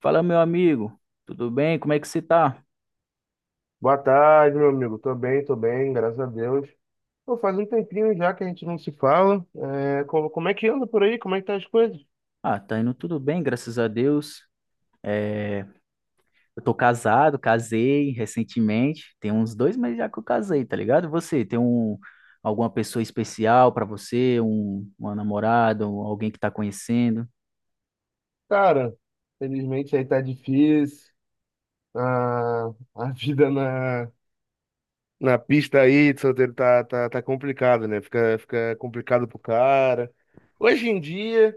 Fala, meu amigo, tudo bem? Como é que você tá? Boa tarde, meu amigo. Tô bem, graças a Deus. Pô, faz um tempinho já que a gente não se fala. Como é que anda por aí? Como é que tá as coisas? Ah, tá indo tudo bem, graças a Deus. Eu tô casado, casei recentemente, tem uns 2 meses já que eu casei, tá ligado? Você tem alguma pessoa especial pra você, uma namorada, alguém que tá conhecendo? Cara, felizmente aí tá difícil. A, a vida na pista aí de solteiro tá complicado, né? Fica complicado pro cara. Hoje em dia.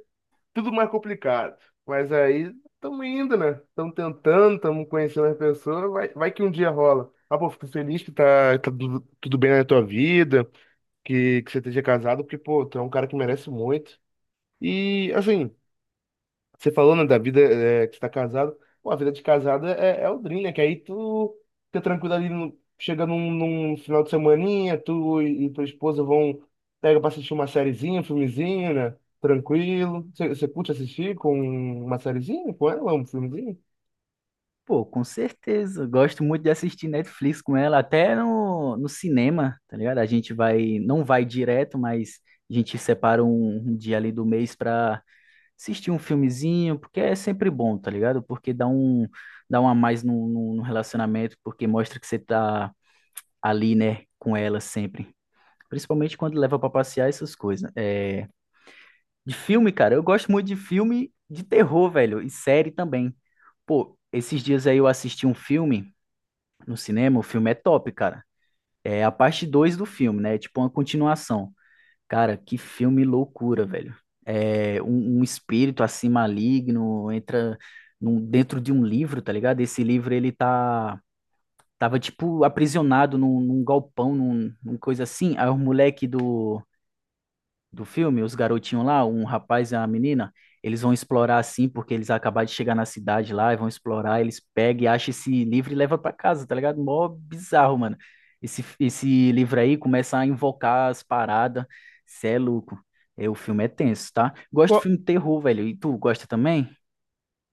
Tudo mais complicado. Mas aí estamos indo, né? Estamos tentando, estamos conhecendo as pessoas, vai que um dia rola. Ah, pô, fico feliz que tá tudo, tudo bem na tua vida, que você esteja casado, porque, pô, tu é um cara que merece muito. E, assim, você falou, né, que você tá casado. Pô, a vida de casado é o dream, né? Que aí tu fica tranquilo ali, chega num final de semaninha, tu e tua esposa vão, pega pra assistir uma sériezinha, um filmezinho, né? Tranquilo. Você curte assistir com uma sériezinha com ela, um filmezinho? Pô, com certeza. Eu gosto muito de assistir Netflix com ela, até no cinema, tá ligado? A gente vai, não vai direto, mas a gente separa um dia ali do mês pra assistir um filmezinho, porque é sempre bom, tá ligado? Porque dá um a mais no relacionamento, porque mostra que você tá ali, né, com ela sempre. Principalmente quando leva pra passear essas coisas, né? É, de filme, cara, eu gosto muito de filme de terror, velho, e série também. Pô, esses dias aí eu assisti um filme no cinema, o filme é top, cara. É a parte 2 do filme, né? É tipo uma continuação. Cara, que filme loucura, velho. É um espírito assim maligno entra dentro de um livro, tá ligado? Esse livro ele tava tipo aprisionado num galpão, num coisa assim. Aí o moleque do filme, os garotinhos lá, um rapaz e uma menina, eles vão explorar assim, porque eles acabaram de chegar na cidade lá e vão explorar, eles pegam e acham esse livro e levam pra casa, tá ligado? Mó bizarro, mano. Esse livro aí começa a invocar as paradas, cê é louco. É, o filme é tenso, tá? Gosto de Qual- filme de terror, velho. E tu gosta também?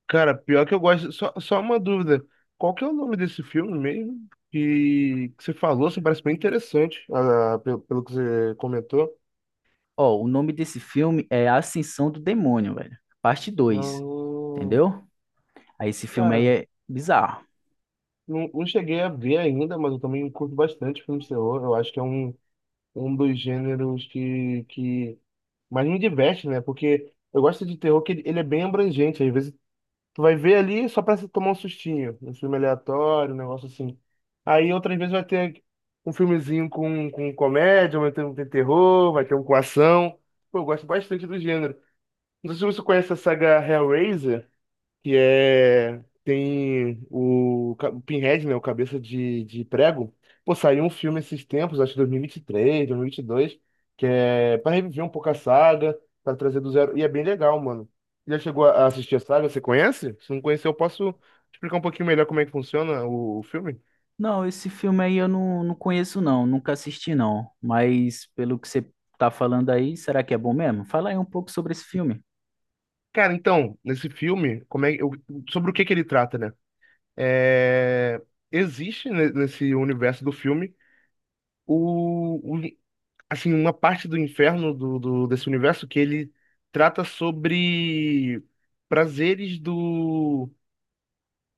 Cara, pior que eu gosto, só uma dúvida. Qual que é o nome desse filme mesmo? Que você falou, assim, parece bem interessante, ah, pelo que você comentou. Ó, o nome desse filme é A Ascensão do Demônio, velho. Parte dois Hum, entendeu? Aí esse filme aí cara. é bizarro. Não cheguei a ver ainda, mas eu também curto bastante filme de terror. Eu acho que é um, um dos gêneros que mais me diverte, né? Porque eu gosto de terror que ele é bem abrangente. Às vezes tu vai ver ali só pra se tomar um sustinho. Um filme aleatório, um negócio assim. Aí outras vezes vai ter um filmezinho com comédia, vai ter um tem terror, vai ter um com ação. Pô, eu gosto bastante do gênero. Não sei se você conhece a saga Hellraiser que é tem o Pinhead, né, o Cabeça de Prego. Pô, saiu um filme esses tempos, acho que 2023, 2022, que é para reviver um pouco a saga, para trazer do zero, e é bem legal, mano. Já chegou a assistir a saga? Você conhece? Se não conhecer, eu posso explicar um pouquinho melhor como é que funciona o filme? Não, esse filme aí eu não conheço não, nunca assisti não, mas pelo que você tá falando aí, será que é bom mesmo? Fala aí um pouco sobre esse filme. Cara, então, nesse filme, sobre o que que ele trata, né? É, existe nesse universo do filme assim, uma parte do inferno desse universo que ele trata sobre prazeres do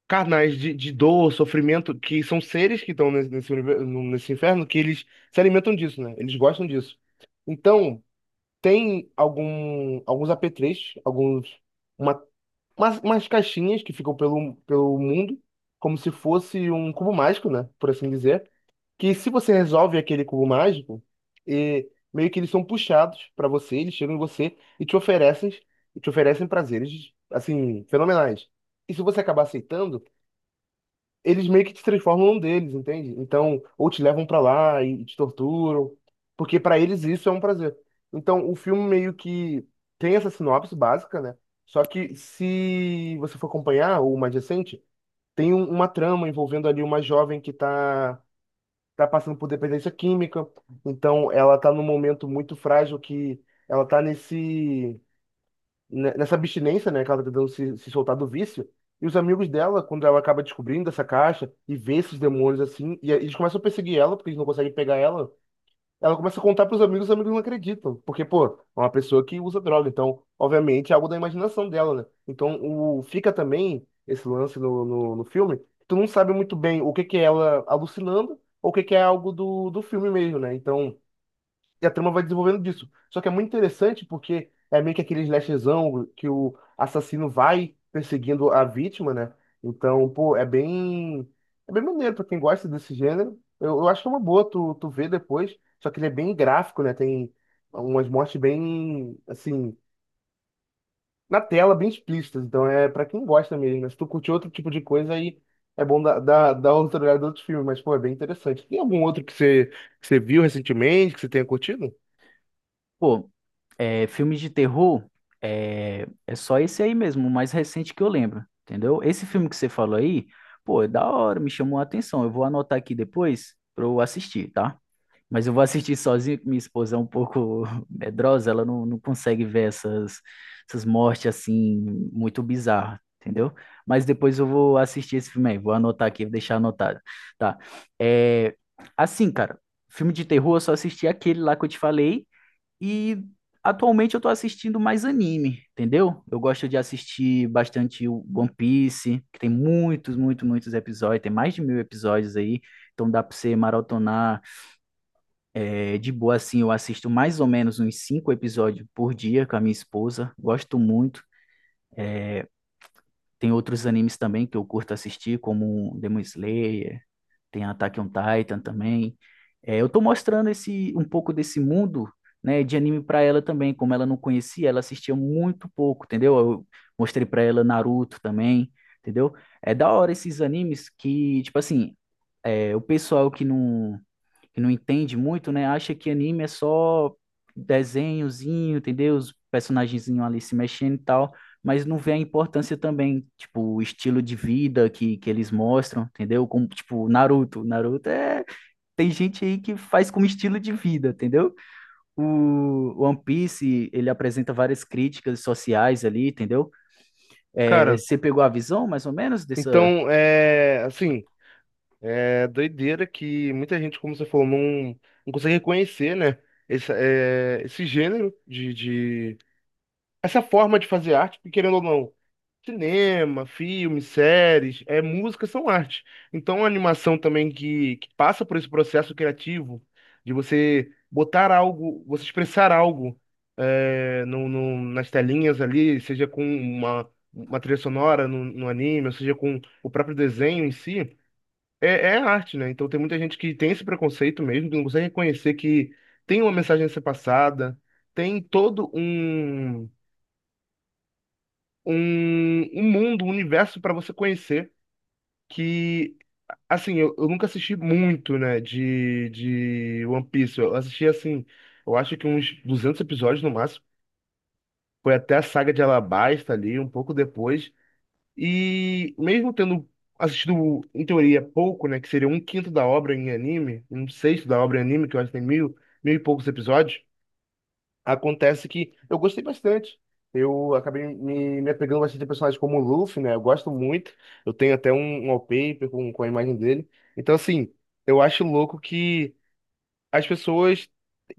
carnais de dor, sofrimento, que são seres que estão nesse, nesse, univer- no- nesse inferno que eles se alimentam disso, né? Eles gostam disso. Então, tem alguns apetrechos, uma, umas caixinhas que ficam pelo mundo, como se fosse um cubo mágico, né? Por assim dizer que se você resolve aquele cubo mágico, e meio que eles são puxados pra você, eles chegam em você e te oferecem prazeres assim fenomenais. E se você acabar aceitando, eles meio que te transformam num deles, entende? Então, ou te levam pra lá e te torturam, porque pra eles isso é um prazer. Então, o filme meio que tem essa sinopse básica, né? Só que se você for acompanhar o mais recente, tem uma trama envolvendo ali uma jovem que tá tá passando por dependência química, então ela tá num momento muito frágil que ela tá nessa abstinência, né, que ela tá tentando se soltar do vício. E os amigos dela, quando ela acaba descobrindo essa caixa e vê esses demônios assim, e eles começam a perseguir ela porque eles não conseguem pegar ela, ela começa a contar pros amigos, os amigos não acreditam. Porque, pô, é uma pessoa que usa droga. Então, obviamente, é algo da imaginação dela, né? Então, fica também esse lance no filme. Que tu não sabe muito bem o que que é ela alucinando ou o que que é algo do filme mesmo, né? Então. E a trama vai desenvolvendo disso. Só que é muito interessante porque é meio que aquele slashzão que o assassino vai perseguindo a vítima, né? Então, pô, é bem. É bem maneiro pra quem gosta desse gênero. Eu acho que é uma boa tu ver depois. Só que ele é bem gráfico, né? Tem umas mortes bem, assim, na tela, bem explícitas. Então é pra quem gosta mesmo, né? Se tu curte outro tipo de coisa, aí é bom dar outra olhada em outros filmes. Mas, pô, é bem interessante. Tem algum outro que você viu recentemente, que você tenha curtido? Pô, filme de terror é só esse aí mesmo, o mais recente que eu lembro, entendeu? Esse filme que você falou aí, pô, é da hora, me chamou a atenção, eu vou anotar aqui depois pra eu assistir, tá? Mas eu vou assistir sozinho, que minha esposa é um pouco medrosa, ela não consegue ver essas mortes assim, muito bizarras, entendeu? Mas depois eu vou assistir esse filme aí, vou anotar aqui, vou deixar anotado. Tá. É, assim, cara, filme de terror eu só assisti aquele lá que eu te falei, e atualmente eu tô assistindo mais anime, entendeu? Eu gosto de assistir bastante o One Piece, que tem muitos, muitos, muitos episódios, tem mais de 1.000 episódios aí, então dá pra você maratonar. É, de boa, assim, eu assisto mais ou menos uns 5 episódios por dia com a minha esposa. Gosto muito. Tem outros animes também que eu curto assistir, como Demon Slayer, tem Attack on Titan também. É, eu tô mostrando um pouco desse mundo, né, de anime para ela também. Como ela não conhecia, ela assistia muito pouco, entendeu? Eu mostrei para ela Naruto também, entendeu? É da hora esses animes que, tipo assim, o pessoal que não entende muito, né, acha que anime é só desenhozinho, entendeu? Os personagenzinhos ali se mexendo e tal, mas não vê a importância também, tipo, o estilo de vida que eles mostram, entendeu? Como, tipo, Naruto. Naruto é... Tem gente aí que faz como estilo de vida, entendeu? O One Piece, ele apresenta várias críticas sociais ali, entendeu? É, Cara. você pegou a visão, mais ou menos, dessa... Então, é, assim, é doideira que muita gente, como você falou, não consegue reconhecer, né, esse gênero essa forma de fazer arte, porque querendo ou não, cinema, filmes, séries, é, música são arte. Então, a animação também que passa por esse processo criativo de você botar algo, você expressar algo é, nas telinhas ali, seja com uma trilha sonora no anime, ou seja com o próprio desenho em si, é, é arte, né? Então, tem muita gente que tem esse preconceito mesmo, que não consegue reconhecer que tem uma mensagem a ser passada, tem todo um mundo, um universo pra você conhecer que, assim, eu nunca assisti muito, né, de One Piece. Eu assisti, assim, eu acho que uns 200 episódios no máximo. Foi até a saga de Alabasta ali, um pouco depois. E mesmo tendo assistido, em teoria, pouco, né, que seria um quinto da obra em anime, um sexto da obra em anime, que eu acho que tem mil e poucos episódios. Acontece que eu gostei bastante. Eu acabei me apegando bastante a personagens como o Luffy, né? Eu gosto muito. Eu tenho até um wallpaper com a imagem dele. Então, assim, eu acho louco que as pessoas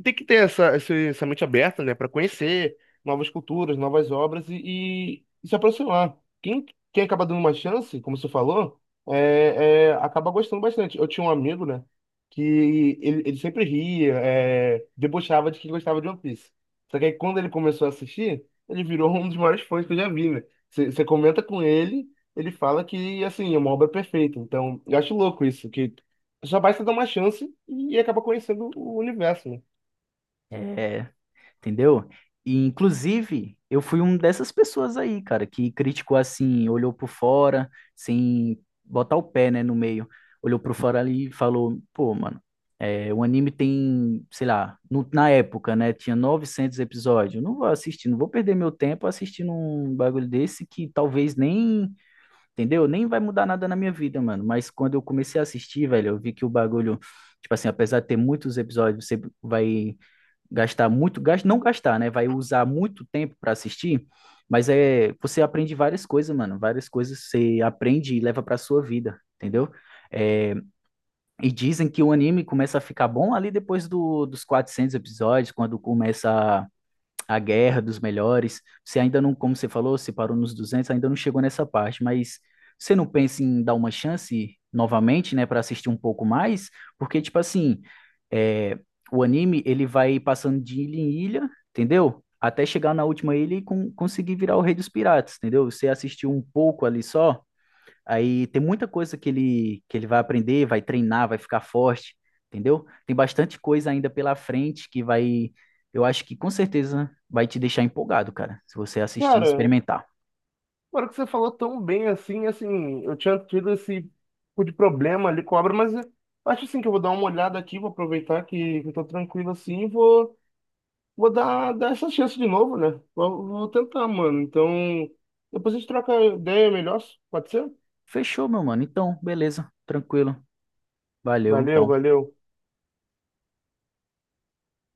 têm que ter essa mente aberta, né, para conhecer novas culturas, novas obras e se aproximar. Quem, quem acaba dando uma chance, como você falou, acaba gostando bastante. Eu tinha um amigo, né, que ele sempre ria, é, debochava de que gostava de One Piece. Só que aí, quando ele começou a assistir, ele virou um dos maiores fãs que eu já vi, né? Você comenta com ele, ele fala que, assim, é uma obra perfeita. Então, eu acho louco isso, que já basta dar uma chance e acaba conhecendo o universo, né? é, entendeu? E, inclusive, eu fui um dessas pessoas aí, cara, que criticou assim, olhou por fora, sem botar o pé, né, no meio. Olhou por fora ali e falou, pô, mano, o anime tem, sei lá, na época, né, tinha 900 episódios. Eu não vou assistir, não vou perder meu tempo assistindo um bagulho desse que talvez nem, entendeu? Nem vai mudar nada na minha vida, mano. Mas quando eu comecei a assistir, velho, eu vi que o bagulho, tipo assim, apesar de ter muitos episódios, você vai gastar muito, não gastar, né? Vai usar muito tempo para assistir, mas você aprende várias coisas, mano, várias coisas você aprende e leva para sua vida, entendeu? É, e dizem que o anime começa a ficar bom ali depois dos 400 episódios, quando começa a guerra dos melhores. Você ainda não, como você falou, você parou nos 200, ainda não chegou nessa parte, mas você não pensa em dar uma chance novamente, né, para assistir um pouco mais? Porque, tipo assim, é, o anime, ele vai passando de ilha em ilha, entendeu? Até chegar na última ilha e conseguir virar o Rei dos Piratas, entendeu? Você assistiu um pouco ali só, aí tem muita coisa que ele vai aprender, vai treinar, vai ficar forte, entendeu? Tem bastante coisa ainda pela frente que vai, eu acho que com certeza vai te deixar empolgado, cara, se você assistir e Cara, experimentar. agora que você falou tão bem assim, eu tinha tido esse tipo de problema ali com a obra, mas eu acho assim que eu vou dar uma olhada aqui, vou aproveitar que eu tô tranquilo assim, vou dar essa chance de novo, né? Vou tentar, mano. Então, depois a gente troca ideia melhor, pode ser? Fechou, meu mano. Então, beleza, tranquilo. Valeu, Valeu, então. valeu.